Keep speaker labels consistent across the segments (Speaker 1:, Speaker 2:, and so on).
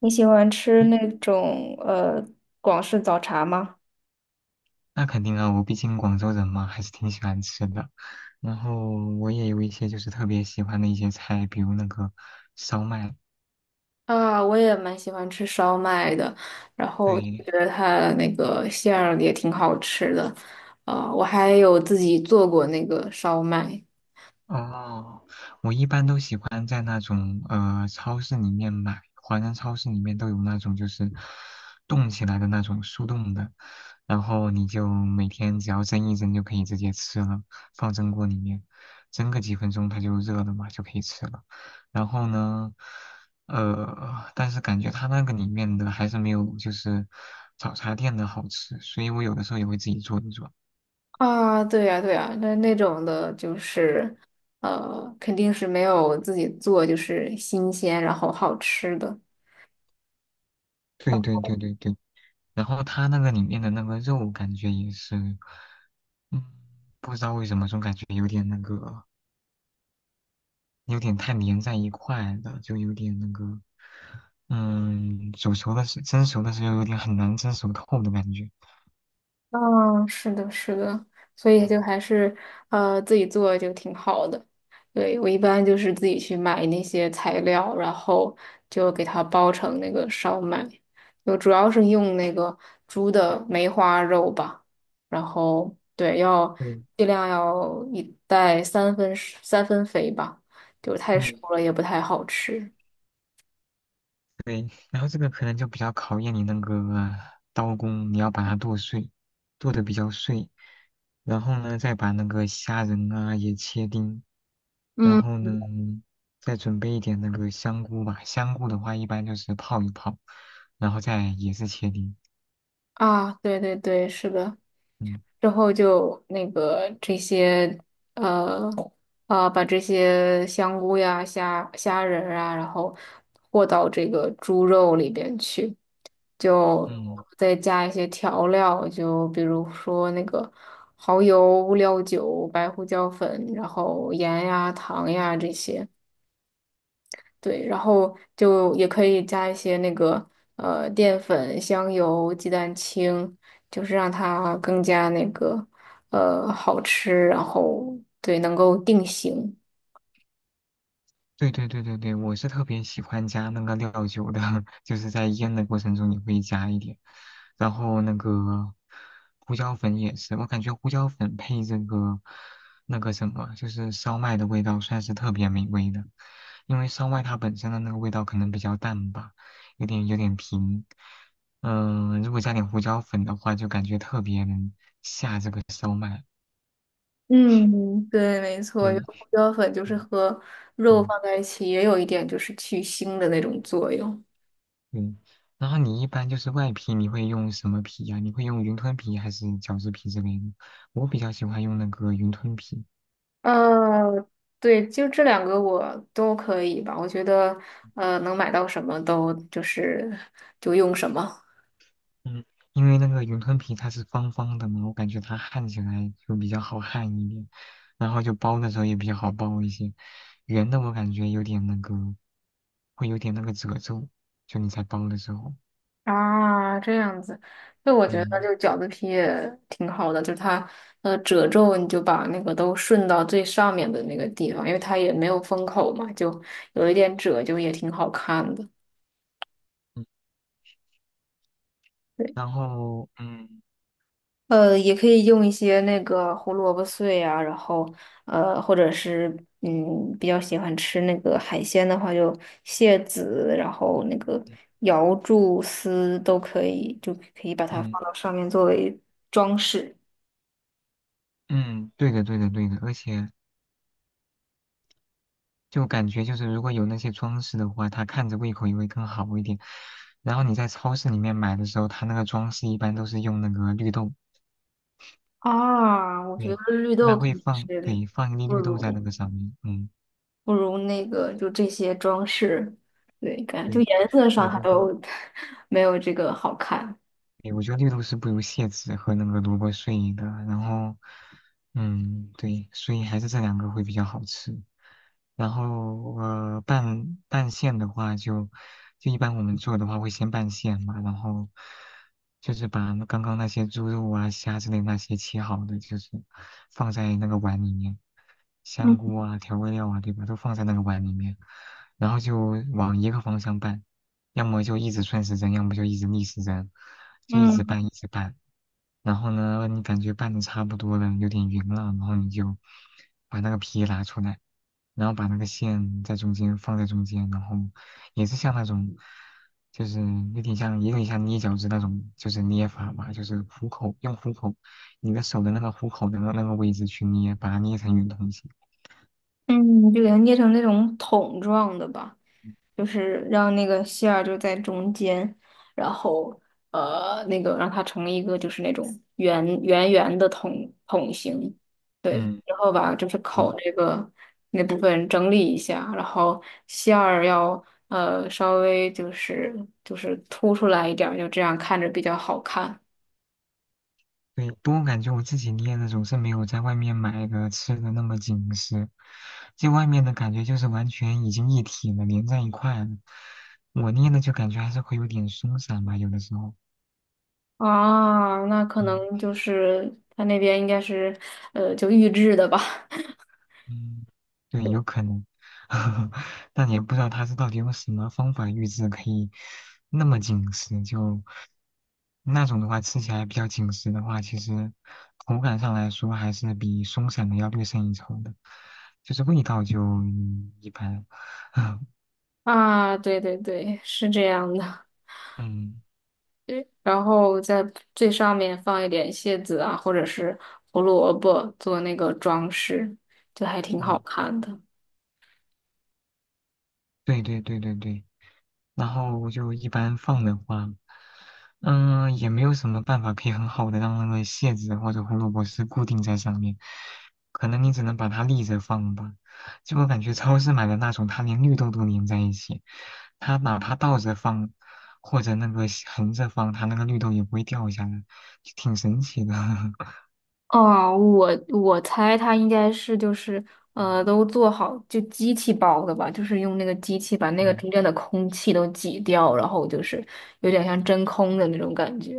Speaker 1: 你喜欢吃那种广式早茶吗？
Speaker 2: 那肯定啊，我毕竟广州人嘛，还是挺喜欢吃的。然后我也有一些就是特别喜欢的一些菜，比如那个烧麦，
Speaker 1: 啊，我也蛮喜欢吃烧麦的，然后觉
Speaker 2: 对，
Speaker 1: 得它那个馅儿也挺好吃的，啊，我还有自己做过那个烧麦。
Speaker 2: 哦，我一般都喜欢在那种超市里面买，华人超市里面都有那种就是冻起来的那种速冻的，然后你就每天只要蒸一蒸就可以直接吃了，放蒸锅里面蒸个几分钟它就热了嘛，就可以吃了。然后呢，但是感觉它那个里面的还是没有就是早茶店的好吃，所以我有的时候也会自己做一做。
Speaker 1: 啊，对呀，对呀，那那种的就是，肯定是没有自己做就是新鲜然后好吃的。
Speaker 2: 对对对对对。然后它那个里面的那个肉感觉也是，嗯，不知道为什么总感觉有点那个，有点太粘在一块了，就有点那个，煮熟的时蒸熟的时候有点很难蒸熟透的感觉。
Speaker 1: 嗯，是的，是的，所以
Speaker 2: 嗯，
Speaker 1: 就还是自己做就挺好的。对，我一般就是自己去买那些材料，然后就给它包成那个烧麦，就主要是用那个猪的梅花肉吧。然后对，要
Speaker 2: 对，
Speaker 1: 尽量要一袋三分肥吧，就太熟
Speaker 2: 嗯
Speaker 1: 了也不太好吃。
Speaker 2: 对，然后这个可能就比较考验你那个刀工，你要把它剁碎，剁得比较碎，然后呢再把那个虾仁啊也切丁。然
Speaker 1: 嗯，
Speaker 2: 后呢，再准备一点那个香菇吧。香菇的话，一般就是泡一泡，然后再也是切丁。
Speaker 1: 啊，对对对，是的。
Speaker 2: 嗯
Speaker 1: 之后就那个这些呃把这些香菇呀、虾仁儿啊，然后和到这个猪肉里边去，就
Speaker 2: 嗯，
Speaker 1: 再加一些调料，就比如说那个蚝油、料酒、白胡椒粉，然后盐呀、糖呀这些。对，然后就也可以加一些那个淀粉、香油、鸡蛋清，就是让它更加那个好吃，然后对能够定型。
Speaker 2: 对对对对对，我是特别喜欢加那个料酒的，就是在腌的过程中也会加一点，然后那个胡椒粉也是，我感觉胡椒粉配这个那个什么，就是烧麦的味道算是特别美味的，因为烧麦它本身的那个味道可能比较淡吧，有点平，如果加点胡椒粉的话，就感觉特别能下这个烧麦，
Speaker 1: 嗯，对，没错，因为
Speaker 2: 对，
Speaker 1: 胡椒粉就是
Speaker 2: 嗯。
Speaker 1: 和肉
Speaker 2: 嗯
Speaker 1: 放在一起，也有一点就是去腥的那种作用。
Speaker 2: 嗯，然后你一般就是外皮，你会用什么皮呀、你会用云吞皮还是饺子皮之类的？我比较喜欢用那个云吞皮，
Speaker 1: 呃，对，就这两个我都可以吧，我觉得能买到什么都就是就用什么。
Speaker 2: 嗯，因为那个云吞皮它是方方的嘛，我感觉它焊起来就比较好焊一点，然后就包的时候也比较好包一些。圆的我感觉有点那个，会有点那个褶皱，就你在包的时候，
Speaker 1: 啊，这样子，那我觉得
Speaker 2: 嗯。
Speaker 1: 就饺子皮也挺好的，就是它褶皱，你就把那个都顺到最上面的那个地方，因为它也没有封口嘛，就有一点褶，就也挺好看的。
Speaker 2: 嗯
Speaker 1: 对，
Speaker 2: 然后，嗯
Speaker 1: 也可以用一些那个胡萝卜碎啊，然后或者是比较喜欢吃那个海鲜的话，就蟹籽，然后那个
Speaker 2: 嗯
Speaker 1: 瑶柱丝都可以，就可以把它
Speaker 2: 嗯，
Speaker 1: 放到上面作为装饰。
Speaker 2: 嗯，对的对的对的，而且就感觉就是如果有那些装饰的话，它看着胃口也会更好一点。然后你在超市里面买的时候，它那个装饰一般都是用那个绿豆，
Speaker 1: 啊，我觉得
Speaker 2: 对，
Speaker 1: 绿
Speaker 2: 一
Speaker 1: 豆
Speaker 2: 般
Speaker 1: 肯
Speaker 2: 会
Speaker 1: 定
Speaker 2: 放，
Speaker 1: 是
Speaker 2: 对，放一
Speaker 1: 不
Speaker 2: 粒绿豆在那
Speaker 1: 如
Speaker 2: 个上面，嗯，
Speaker 1: 不如那个就这些装饰，对，感觉就
Speaker 2: 对，
Speaker 1: 颜色
Speaker 2: 我
Speaker 1: 上它
Speaker 2: 觉得。
Speaker 1: 都 没有这个好看。
Speaker 2: 对，我觉得绿豆是不如蟹籽和那个萝卜碎的，然后，嗯，对，所以还是这两个会比较好吃。然后，拌拌馅的话就，就一般我们做的话会先拌馅嘛，然后就是把那刚刚那些猪肉啊、虾之类那些切好的，就是放在那个碗里面，香
Speaker 1: 嗯。
Speaker 2: 菇啊、调味料啊，对吧，都放在那个碗里面，然后就往一个方向拌。要么就一直顺时针，要么就一直逆时针，就一直
Speaker 1: 嗯。
Speaker 2: 拌一直拌。然后呢，你感觉拌的差不多了，有点匀了，然后你就把那个皮拿出来，然后把那个馅在中间放在中间，然后也是像那种，就是有点像，也有点像捏饺子那种，就是捏法嘛，就是虎口，用虎口，你的手的那个虎口的那个位置去捏，把它捏成圆筒形。
Speaker 1: 嗯，就给它捏成那种桶状的吧，就是让那个馅儿就在中间，然后那个让它成一个就是那种圆的桶形，对，
Speaker 2: 嗯，
Speaker 1: 然后把就是
Speaker 2: 对
Speaker 1: 口这个那部分整理一下，然后馅儿要稍微就是凸出来一点儿，就这样看着比较好看。
Speaker 2: 对，不过我感觉我自己捏的总是没有在外面买的吃的那么紧实，就外面的感觉就是完全已经一体了，连在一块了。我捏的就感觉还是会有点松散吧，有的时候。
Speaker 1: 啊，那可
Speaker 2: 嗯
Speaker 1: 能就是他那边应该是，就预制的吧，
Speaker 2: 嗯，对，有可能，但也不知道他是到底用什么方法预制可以那么紧实，就那种的话吃起来比较紧实的话，其实口感上来说还是比松散的要略胜一筹的，就是味道就一般。
Speaker 1: 啊，对对对，是这样的。
Speaker 2: 嗯
Speaker 1: 对，然后在最上面放一点蟹子啊，或者是胡萝卜做那个装饰，就还挺好
Speaker 2: 嗯，
Speaker 1: 看的。
Speaker 2: 对对对对对，然后我就一般放的话，也没有什么办法可以很好的让那个蟹子或者胡萝卜丝固定在上面，可能你只能把它立着放吧。就我感觉超市买的那种，它连绿豆都粘在一起，它哪怕倒着放或者那个横着放，它那个绿豆也不会掉下来，就挺神奇的。
Speaker 1: 哦，我猜它应该是就是
Speaker 2: 嗯
Speaker 1: 都做好就机器包的吧，就是用那个机器把那个
Speaker 2: 嗯，
Speaker 1: 中间的空气都挤掉，然后就是有点像真空的那种感觉，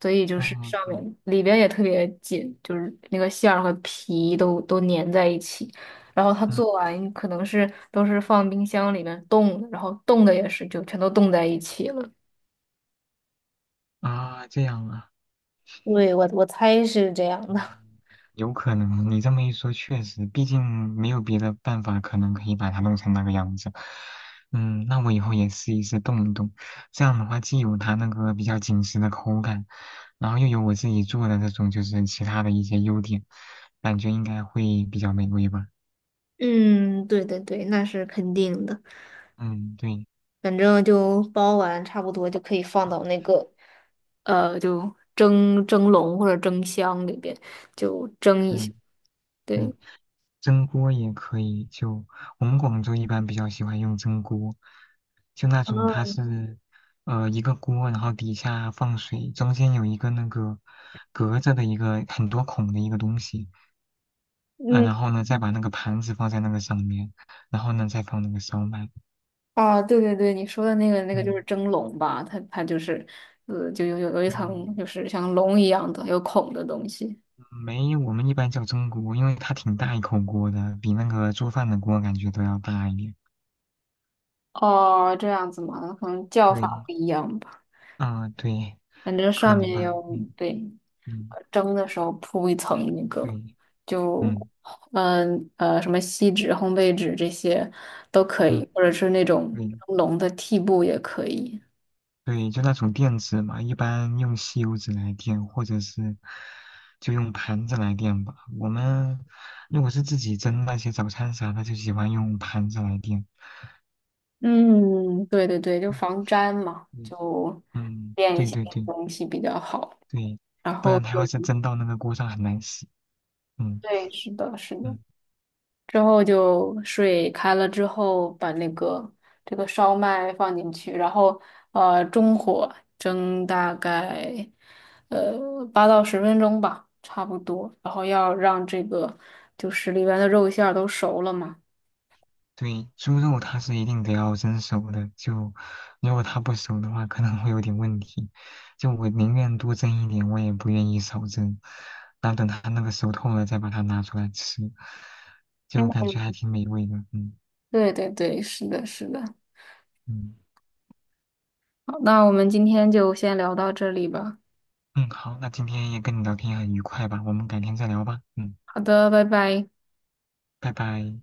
Speaker 1: 所以就是
Speaker 2: 哦
Speaker 1: 上
Speaker 2: 对，
Speaker 1: 面里边也特别紧，就是那个馅儿和皮都粘在一起。然后它
Speaker 2: 嗯
Speaker 1: 做完可能是都是放冰箱里面冻的，然后冻的也是就全都冻在一起了。
Speaker 2: 啊这样啊。
Speaker 1: 对，我猜是这样的。
Speaker 2: 有可能，你这么一说，确实，毕竟没有别的办法，可能可以把它弄成那个样子。那我以后也试一试动一动，这样的话既有它那个比较紧实的口感，然后又有我自己做的这种就是其他的一些优点，感觉应该会比较美味吧。
Speaker 1: 嗯，对对对，那是肯定的。
Speaker 2: 嗯，对，
Speaker 1: 反正就包完差不多就可以放到那个，就蒸笼或者蒸箱里边就蒸一下。
Speaker 2: 嗯，对。
Speaker 1: 对，
Speaker 2: 蒸锅也可以，就我们广州一般比较喜欢用蒸锅，就那
Speaker 1: 啊，
Speaker 2: 种它是一个锅，然后底下放水，中间有一个那个隔着的一个很多孔的一个东西，嗯、
Speaker 1: 嗯，
Speaker 2: 然后呢再把那个盘子放在那个上面，然后呢再放那个烧麦，
Speaker 1: 啊，对对对，你说的那个就
Speaker 2: 嗯
Speaker 1: 是蒸笼吧，它就是，就有一层
Speaker 2: 嗯，
Speaker 1: 就是像笼一样的有孔的东西。
Speaker 2: 没，我们一般叫蒸锅，因为它挺大一口锅的，比那个做饭的锅感觉都要大一点。
Speaker 1: 哦，这样子嘛，可能叫法
Speaker 2: 对，
Speaker 1: 不一样吧。
Speaker 2: 啊、对，
Speaker 1: 反正
Speaker 2: 可
Speaker 1: 上
Speaker 2: 能
Speaker 1: 面
Speaker 2: 吧，
Speaker 1: 要
Speaker 2: 嗯
Speaker 1: 对，
Speaker 2: 嗯，
Speaker 1: 蒸的时候铺一层那个，
Speaker 2: 对。
Speaker 1: 就
Speaker 2: 嗯。
Speaker 1: 什么锡纸、烘焙纸这些都可
Speaker 2: 嗯，
Speaker 1: 以，或者是那种
Speaker 2: 对
Speaker 1: 蒸笼的屉布也可以。
Speaker 2: 对，就那种垫子嘛，一般用吸油纸来垫，或者是就用盘子来垫吧。我们如果是自己蒸那些早餐啥的，就喜欢用盘子来垫。
Speaker 1: 嗯，对对对，就
Speaker 2: 嗯，
Speaker 1: 防粘嘛，
Speaker 2: 嗯，
Speaker 1: 就
Speaker 2: 嗯
Speaker 1: 垫一
Speaker 2: 对
Speaker 1: 些
Speaker 2: 对对
Speaker 1: 东西比较好。
Speaker 2: 对，
Speaker 1: 然
Speaker 2: 不
Speaker 1: 后
Speaker 2: 然它要
Speaker 1: 就
Speaker 2: 是蒸到那个锅上很难洗。嗯
Speaker 1: 对，是的，是的。
Speaker 2: 嗯。
Speaker 1: 之后就水开了之后，把那个这个烧麦放进去，然后中火蒸大概8到10分钟吧，差不多。然后要让这个就是里边的肉馅儿都熟了嘛。
Speaker 2: 对，猪肉它是一定得要蒸熟的，就如果它不熟的话，可能会有点问题。就我宁愿多蒸一点，我也不愿意少蒸。然后等它那个熟透了，再把它拿出来吃，就感
Speaker 1: 嗯，
Speaker 2: 觉还挺美味的。嗯
Speaker 1: 对对对，是的，是的。
Speaker 2: 嗯
Speaker 1: 好，那我们今天就先聊到这里吧。
Speaker 2: 嗯，好，那今天也跟你聊天很愉快吧，我们改天再聊吧。嗯，
Speaker 1: 好的，拜拜。
Speaker 2: 拜拜。